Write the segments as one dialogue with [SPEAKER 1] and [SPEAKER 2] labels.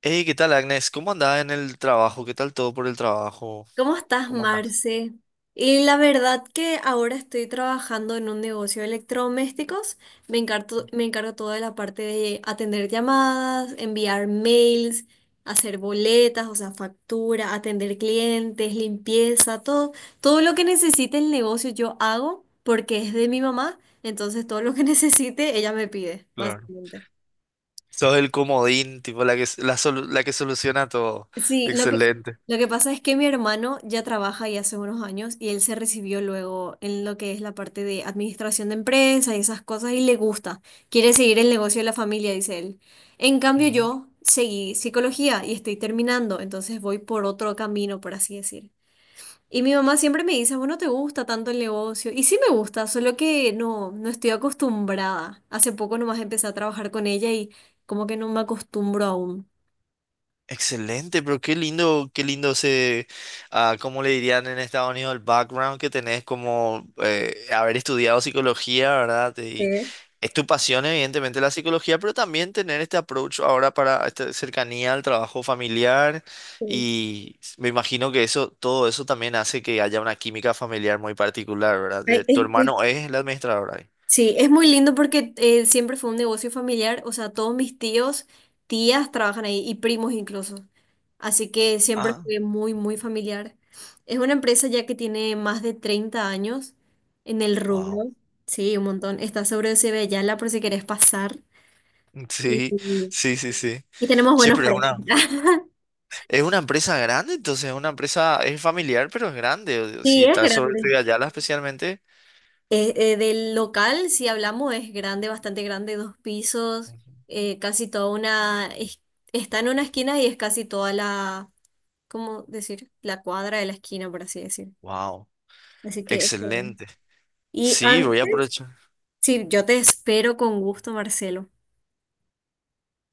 [SPEAKER 1] Hey, ¿qué tal, Agnes? ¿Cómo andás en el trabajo? ¿Qué tal todo por el trabajo?
[SPEAKER 2] ¿Cómo estás,
[SPEAKER 1] ¿Cómo andás?
[SPEAKER 2] Marce? Y la verdad que ahora estoy trabajando en un negocio de electrodomésticos. Me encargo toda la parte de atender llamadas, enviar mails, hacer boletas, o sea, factura, atender clientes, limpieza, todo, todo lo que necesite el negocio yo hago porque es de mi mamá, entonces todo lo que necesite ella me pide,
[SPEAKER 1] Claro.
[SPEAKER 2] básicamente.
[SPEAKER 1] Sos el comodín, tipo la que, la que soluciona todo.
[SPEAKER 2] Sí,
[SPEAKER 1] Excelente.
[SPEAKER 2] lo que pasa es que mi hermano ya trabaja y hace unos años y él se recibió luego en lo que es la parte de administración de empresa y esas cosas y le gusta. Quiere seguir el negocio de la familia, dice él. En cambio,
[SPEAKER 1] Ujú.
[SPEAKER 2] yo seguí psicología y estoy terminando, entonces voy por otro camino, por así decir. Y mi mamá siempre me dice, bueno, ¿te gusta tanto el negocio? Y sí me gusta, solo que no estoy acostumbrada. Hace poco nomás empecé a trabajar con ella y como que no me acostumbro aún.
[SPEAKER 1] Excelente, pero qué lindo ese, ah, ¿cómo le dirían en Estados Unidos el background que tenés como haber estudiado psicología? ¿Verdad? Es
[SPEAKER 2] Sí,
[SPEAKER 1] tu pasión, evidentemente, la psicología, pero también tener este approach ahora para esta cercanía al trabajo familiar.
[SPEAKER 2] sí.
[SPEAKER 1] Y me imagino que eso, todo eso también hace que haya una química familiar muy particular, ¿verdad?
[SPEAKER 2] Ay,
[SPEAKER 1] Tu
[SPEAKER 2] es,
[SPEAKER 1] hermano es la administradora ahí.
[SPEAKER 2] sí, es muy lindo porque siempre fue un negocio familiar, o sea, todos mis tíos, tías trabajan ahí y primos incluso. Así que siempre
[SPEAKER 1] Ah,
[SPEAKER 2] fue muy, muy familiar. Es una empresa ya que tiene más de 30 años en el
[SPEAKER 1] wow.
[SPEAKER 2] rubro. Sí, un montón. Está sobre Cebeyala por si querés pasar. Y,
[SPEAKER 1] Sí, sí, sí, sí.
[SPEAKER 2] y tenemos
[SPEAKER 1] Sí,
[SPEAKER 2] buenos
[SPEAKER 1] pero
[SPEAKER 2] precios.
[SPEAKER 1] es una empresa grande. Entonces es una empresa, es familiar, pero es grande. O sea,
[SPEAKER 2] Sí,
[SPEAKER 1] si
[SPEAKER 2] es
[SPEAKER 1] está sobre
[SPEAKER 2] grande.
[SPEAKER 1] Yala especialmente.
[SPEAKER 2] Del local, si hablamos, es grande, bastante grande, dos pisos, casi toda una, es- está en una esquina y es casi toda la, ¿cómo decir? La cuadra de la esquina, por así decir.
[SPEAKER 1] Wow,
[SPEAKER 2] Así que es grande.
[SPEAKER 1] excelente.
[SPEAKER 2] Y
[SPEAKER 1] Sí, voy a
[SPEAKER 2] antes,
[SPEAKER 1] aprovechar.
[SPEAKER 2] sí, yo te espero con gusto, Marcelo.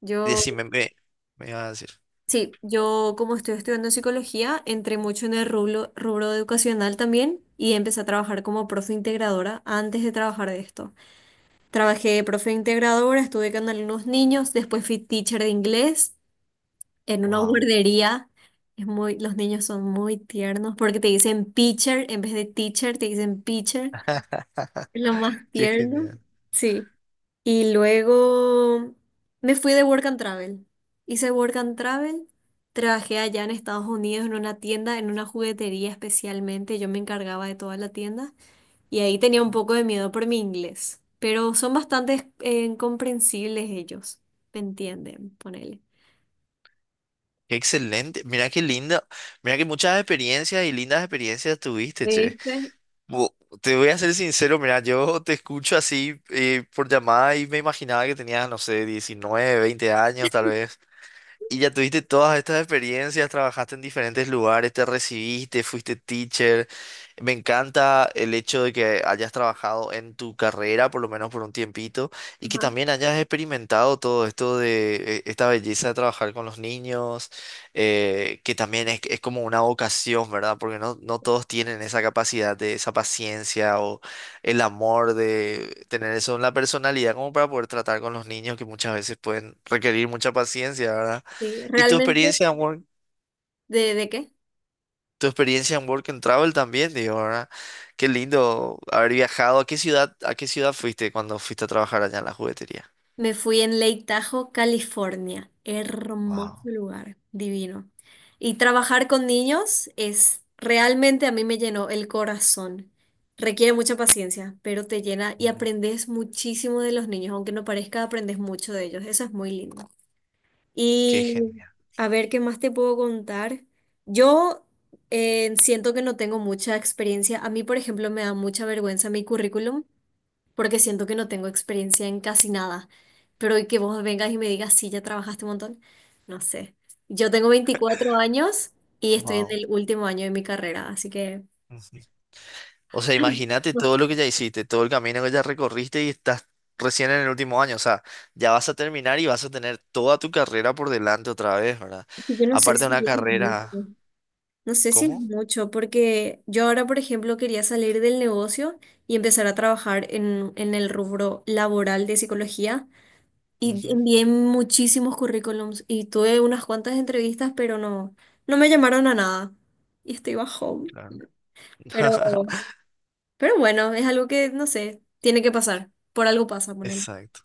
[SPEAKER 2] Yo,
[SPEAKER 1] Decime, me vas a decir.
[SPEAKER 2] sí, yo como estoy estudiando psicología, entré mucho en el rubro educacional también y empecé a trabajar como profe integradora antes de trabajar de esto. Trabajé de profe integradora, estuve con algunos niños, después fui teacher de inglés en una
[SPEAKER 1] Wow.
[SPEAKER 2] guardería. Es muy, los niños son muy tiernos porque te dicen pitcher en vez de teacher, te dicen pitcher. Es lo más
[SPEAKER 1] Qué
[SPEAKER 2] tierno.
[SPEAKER 1] genial.
[SPEAKER 2] Sí. Y luego me fui de Work and Travel. Hice Work and Travel. Trabajé allá en Estados Unidos en una tienda, en una juguetería especialmente. Yo me encargaba de toda la tienda. Y ahí tenía un poco de miedo por mi inglés, pero son bastante comprensibles ellos, me entienden, ponele.
[SPEAKER 1] Qué excelente. Mira qué linda. Mira que muchas experiencias y lindas experiencias tuviste, che.
[SPEAKER 2] ¿Viste?
[SPEAKER 1] Bu- Te voy a ser sincero, mira, yo te escucho así por llamada y me imaginaba que tenías, no sé, 19, 20 años tal vez. Y ya tuviste todas estas experiencias, trabajaste en diferentes lugares, te recibiste, fuiste teacher. Me encanta el hecho de que hayas trabajado en tu carrera, por lo menos por un tiempito, y que
[SPEAKER 2] Ajá,
[SPEAKER 1] también hayas experimentado todo esto de esta belleza de trabajar con los niños, que también es como una vocación, ¿verdad? Porque no, no todos tienen esa capacidad de esa paciencia o el amor de tener eso en la personalidad como para poder tratar con los niños, que muchas veces pueden requerir mucha paciencia, ¿verdad?
[SPEAKER 2] sí.
[SPEAKER 1] Y tu
[SPEAKER 2] ¿Realmente?
[SPEAKER 1] experiencia en
[SPEAKER 2] De qué?
[SPEAKER 1] tu experiencia en Work and Travel también, digo, ¿verdad? Qué lindo haber viajado. A qué ciudad fuiste cuando fuiste a trabajar allá en la juguetería?
[SPEAKER 2] Me fui en Lake Tahoe, California. Hermoso
[SPEAKER 1] Wow,
[SPEAKER 2] lugar, divino. Y trabajar con niños es realmente a mí me llenó el corazón. Requiere mucha paciencia, pero te llena y aprendes muchísimo de los niños, aunque no parezca, aprendes mucho de ellos. Eso es muy lindo.
[SPEAKER 1] qué
[SPEAKER 2] Y
[SPEAKER 1] genial.
[SPEAKER 2] a ver, ¿qué más te puedo contar? Yo siento que no tengo mucha experiencia. A mí, por ejemplo, me da mucha vergüenza mi currículum porque siento que no tengo experiencia en casi nada. Pero y que vos vengas y me digas, sí, ya trabajaste un montón. No sé. Yo tengo 24 años y estoy en
[SPEAKER 1] Wow.
[SPEAKER 2] el último año de mi carrera, así que...
[SPEAKER 1] O sea,
[SPEAKER 2] Ay,
[SPEAKER 1] imagínate
[SPEAKER 2] no,
[SPEAKER 1] todo lo que ya hiciste, todo el camino que ya recorriste y estás recién en el último año. O sea, ya vas a terminar y vas a tener toda tu carrera por delante otra vez, ¿verdad?
[SPEAKER 2] yo no sé
[SPEAKER 1] Aparte de
[SPEAKER 2] si...
[SPEAKER 1] una
[SPEAKER 2] es
[SPEAKER 1] carrera,
[SPEAKER 2] mucho. No sé si es
[SPEAKER 1] ¿cómo?
[SPEAKER 2] mucho, porque yo ahora, por ejemplo, quería salir del negocio y empezar a trabajar en el rubro laboral de psicología y
[SPEAKER 1] Ujú,
[SPEAKER 2] envié muchísimos currículums y tuve unas cuantas entrevistas, pero no, no me llamaron a nada y estoy bajón.
[SPEAKER 1] claro.
[SPEAKER 2] Pero, pero bueno, es algo que, no sé, tiene que pasar. Por algo pasa con él.
[SPEAKER 1] Exacto.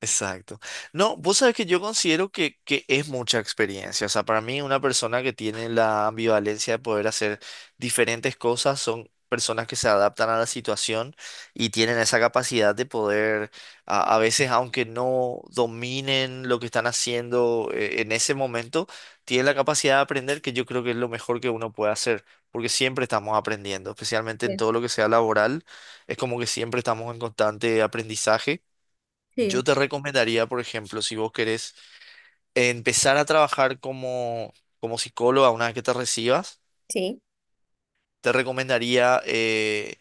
[SPEAKER 1] Exacto. No, vos sabés que yo considero que es mucha experiencia. O sea, para mí una persona que tiene la ambivalencia de poder hacer diferentes cosas son personas que se adaptan a la situación y tienen esa capacidad de poder, a veces, aunque no dominen lo que están haciendo en ese momento, tienen la capacidad de aprender, que yo creo que es lo mejor que uno puede hacer, porque siempre estamos aprendiendo, especialmente en
[SPEAKER 2] Sí,
[SPEAKER 1] todo lo que sea laboral, es como que siempre estamos en constante aprendizaje. Yo
[SPEAKER 2] sí,
[SPEAKER 1] te recomendaría, por ejemplo, si vos querés empezar a trabajar como psicóloga una vez que te recibas,
[SPEAKER 2] sí,
[SPEAKER 1] te recomendaría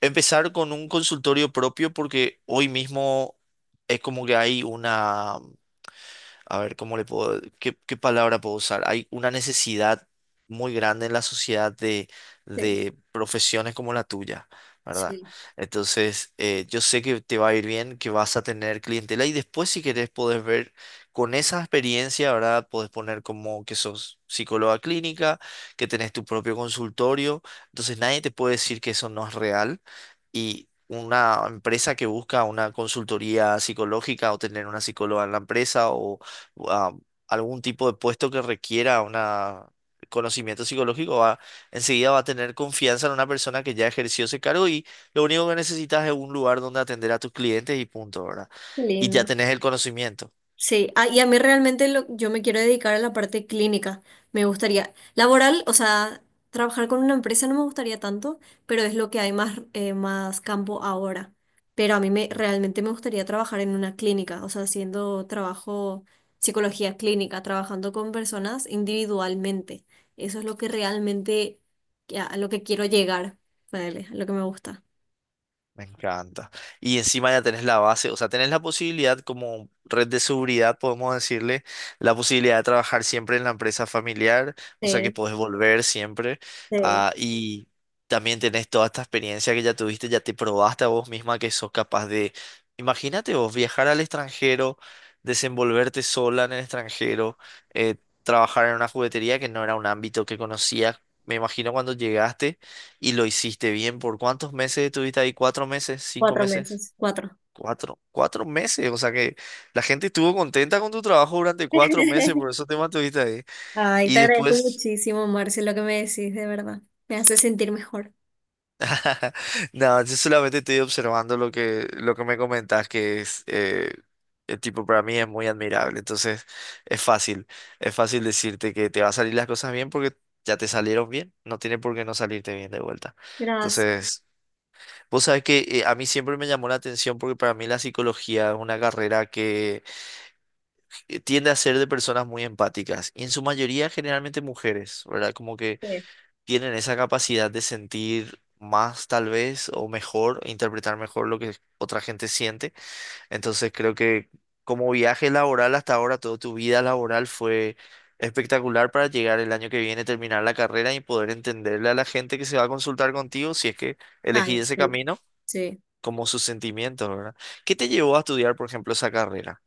[SPEAKER 1] empezar con un consultorio propio, porque hoy mismo es como que hay una, a ver, ¿cómo le puedo, qué palabra puedo usar? Hay una necesidad muy grande en la sociedad de,
[SPEAKER 2] sí,
[SPEAKER 1] de profesiones como la tuya, ¿verdad?
[SPEAKER 2] sí.
[SPEAKER 1] Entonces, yo sé que te va a ir bien, que vas a tener clientela, y después, si querés, podés ver con esa experiencia, ¿verdad? Podés poner como que sos psicóloga clínica, que tenés tu propio consultorio, entonces nadie te puede decir que eso no es real. Y una empresa que busca una consultoría psicológica o tener una psicóloga en la empresa o a algún tipo de puesto que requiera una, conocimiento psicológico, va, enseguida va a tener confianza en una persona que ya ejerció ese cargo, y lo único que necesitas es un lugar donde atender a tus clientes y punto, ¿verdad?
[SPEAKER 2] Qué
[SPEAKER 1] Y ya
[SPEAKER 2] lindo.
[SPEAKER 1] tenés el conocimiento.
[SPEAKER 2] Sí, ah, y a mí realmente lo- yo me quiero dedicar a la parte clínica. Me gustaría, laboral, o sea, trabajar con una empresa no me gustaría tanto, pero es lo que hay más, más campo ahora. Pero a mí me, realmente me gustaría trabajar en una clínica, o sea, haciendo trabajo, psicología clínica, trabajando con personas individualmente. Eso es lo que realmente, que- a lo que quiero llegar, ponele, a lo que me gusta.
[SPEAKER 1] Me encanta. Y encima ya tenés la base. O sea, tenés la posibilidad, como red de seguridad, podemos decirle, la posibilidad de trabajar siempre en la empresa familiar, o sea que
[SPEAKER 2] Sí,
[SPEAKER 1] podés volver siempre.
[SPEAKER 2] sí,
[SPEAKER 1] Ah, y también tenés toda esta experiencia que ya tuviste. Ya te probaste a vos misma que sos capaz de, imagínate vos, viajar al extranjero, desenvolverte sola en el extranjero, eh, trabajar en una juguetería que no era un ámbito que conocías. Me imagino cuando llegaste y lo hiciste bien. ¿Por cuántos meses estuviste ahí? ¿4 meses? ¿Cinco
[SPEAKER 2] cuatro
[SPEAKER 1] meses?
[SPEAKER 2] meses. Cuatro.
[SPEAKER 1] 4. 4 meses. O sea que la gente estuvo contenta con tu trabajo durante 4 meses, por eso te mantuviste ahí.
[SPEAKER 2] Ay,
[SPEAKER 1] Y
[SPEAKER 2] te agradezco
[SPEAKER 1] después...
[SPEAKER 2] muchísimo, Marce, lo que me decís, de verdad. Me hace sentir mejor.
[SPEAKER 1] No, yo solamente estoy observando lo que me comentás, que es... el tipo para mí es muy admirable. Entonces es fácil. Es fácil decirte que te va a salir las cosas bien porque... ya te salieron bien, no tiene por qué no salirte bien de vuelta.
[SPEAKER 2] Gracias.
[SPEAKER 1] Entonces, vos sabés que a mí siempre me llamó la atención, porque para mí la psicología es una carrera que tiende a ser de personas muy empáticas y, en su mayoría, generalmente mujeres, ¿verdad? Como que
[SPEAKER 2] Sí.
[SPEAKER 1] tienen esa capacidad de sentir más tal vez o mejor, e interpretar mejor lo que otra gente siente. Entonces creo que, como viaje laboral hasta ahora, toda tu vida laboral fue espectacular para llegar el año que viene, terminar la carrera y poder entenderle a la gente que se va a consultar contigo, si es que elegí
[SPEAKER 2] Ay,
[SPEAKER 1] ese
[SPEAKER 2] sí.
[SPEAKER 1] camino,
[SPEAKER 2] Sí.
[SPEAKER 1] como sus sentimientos, ¿verdad? ¿Qué te llevó a estudiar, por ejemplo, esa carrera?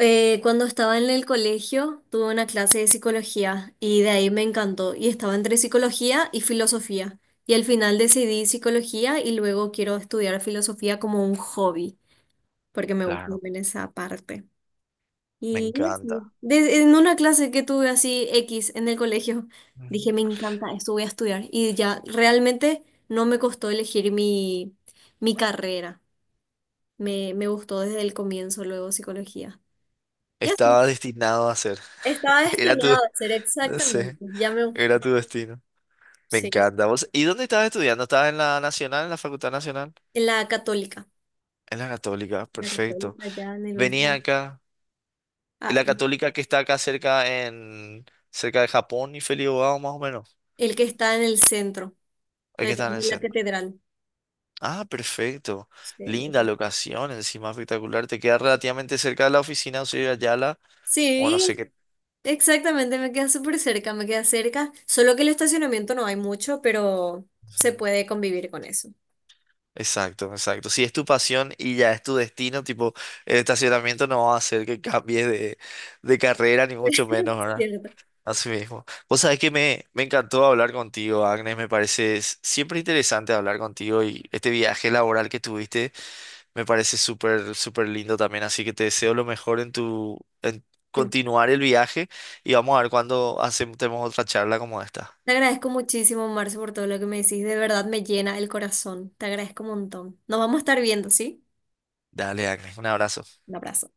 [SPEAKER 2] Cuando estaba en el colegio, tuve una clase de psicología y de ahí me encantó. Y estaba entre psicología y filosofía. Y al final decidí psicología y luego quiero estudiar filosofía como un hobby, porque me gusta
[SPEAKER 1] Claro,
[SPEAKER 2] también esa parte.
[SPEAKER 1] me
[SPEAKER 2] Y
[SPEAKER 1] encanta.
[SPEAKER 2] así. De- en una clase que tuve así X en el colegio, dije,
[SPEAKER 1] Ujú.
[SPEAKER 2] me encanta esto, voy a estudiar. Y ya realmente no me costó elegir mi carrera. Me gustó desde el comienzo, luego psicología. Y así.
[SPEAKER 1] Estaba destinado a ser.
[SPEAKER 2] Estaba
[SPEAKER 1] Era tu,
[SPEAKER 2] destinado a ser
[SPEAKER 1] no sé,
[SPEAKER 2] exactamente, ya me gustó.
[SPEAKER 1] era tu destino. Me
[SPEAKER 2] Sí,
[SPEAKER 1] encanta. ¿Y dónde estabas estudiando? ¿Estabas en la Nacional, en la Facultad Nacional?
[SPEAKER 2] en la católica.
[SPEAKER 1] En la Católica,
[SPEAKER 2] La
[SPEAKER 1] perfecto.
[SPEAKER 2] católica ya en el
[SPEAKER 1] Venía
[SPEAKER 2] último.
[SPEAKER 1] acá, en
[SPEAKER 2] Ah,
[SPEAKER 1] la Católica que está acá cerca, en, cerca de Japón y Felibao, más o menos.
[SPEAKER 2] el que está en el centro,
[SPEAKER 1] Hay que
[SPEAKER 2] detrás
[SPEAKER 1] estar en el
[SPEAKER 2] de la
[SPEAKER 1] centro.
[SPEAKER 2] catedral.
[SPEAKER 1] Ah, perfecto.
[SPEAKER 2] Sí,
[SPEAKER 1] Linda
[SPEAKER 2] ¿verdad?
[SPEAKER 1] locación, encima espectacular. Te queda relativamente cerca de la oficina, soy de Ayala. O no sé
[SPEAKER 2] Sí,
[SPEAKER 1] qué.
[SPEAKER 2] exactamente, me queda súper cerca, me queda cerca, solo que el estacionamiento no hay mucho, pero se puede convivir con eso.
[SPEAKER 1] Exacto, exacto. Si es tu pasión y ya es tu destino, tipo, el estacionamiento no va a hacer que cambies de carrera, ni mucho menos, ¿verdad?
[SPEAKER 2] Cierto.
[SPEAKER 1] Así mismo. Vos sabés que me encantó hablar contigo, Agnes. Me parece s- siempre interesante hablar contigo, y este viaje laboral que tuviste me parece súper, súper lindo también. Así que te deseo lo mejor en continuar el viaje, y vamos a ver cuándo hacemos tenemos otra charla como esta.
[SPEAKER 2] Te agradezco muchísimo, Marce, por todo lo que me decís, de verdad me llena el corazón, te agradezco un montón. Nos vamos a estar viendo, ¿sí?
[SPEAKER 1] Dale, Agnes, un abrazo.
[SPEAKER 2] Un abrazo.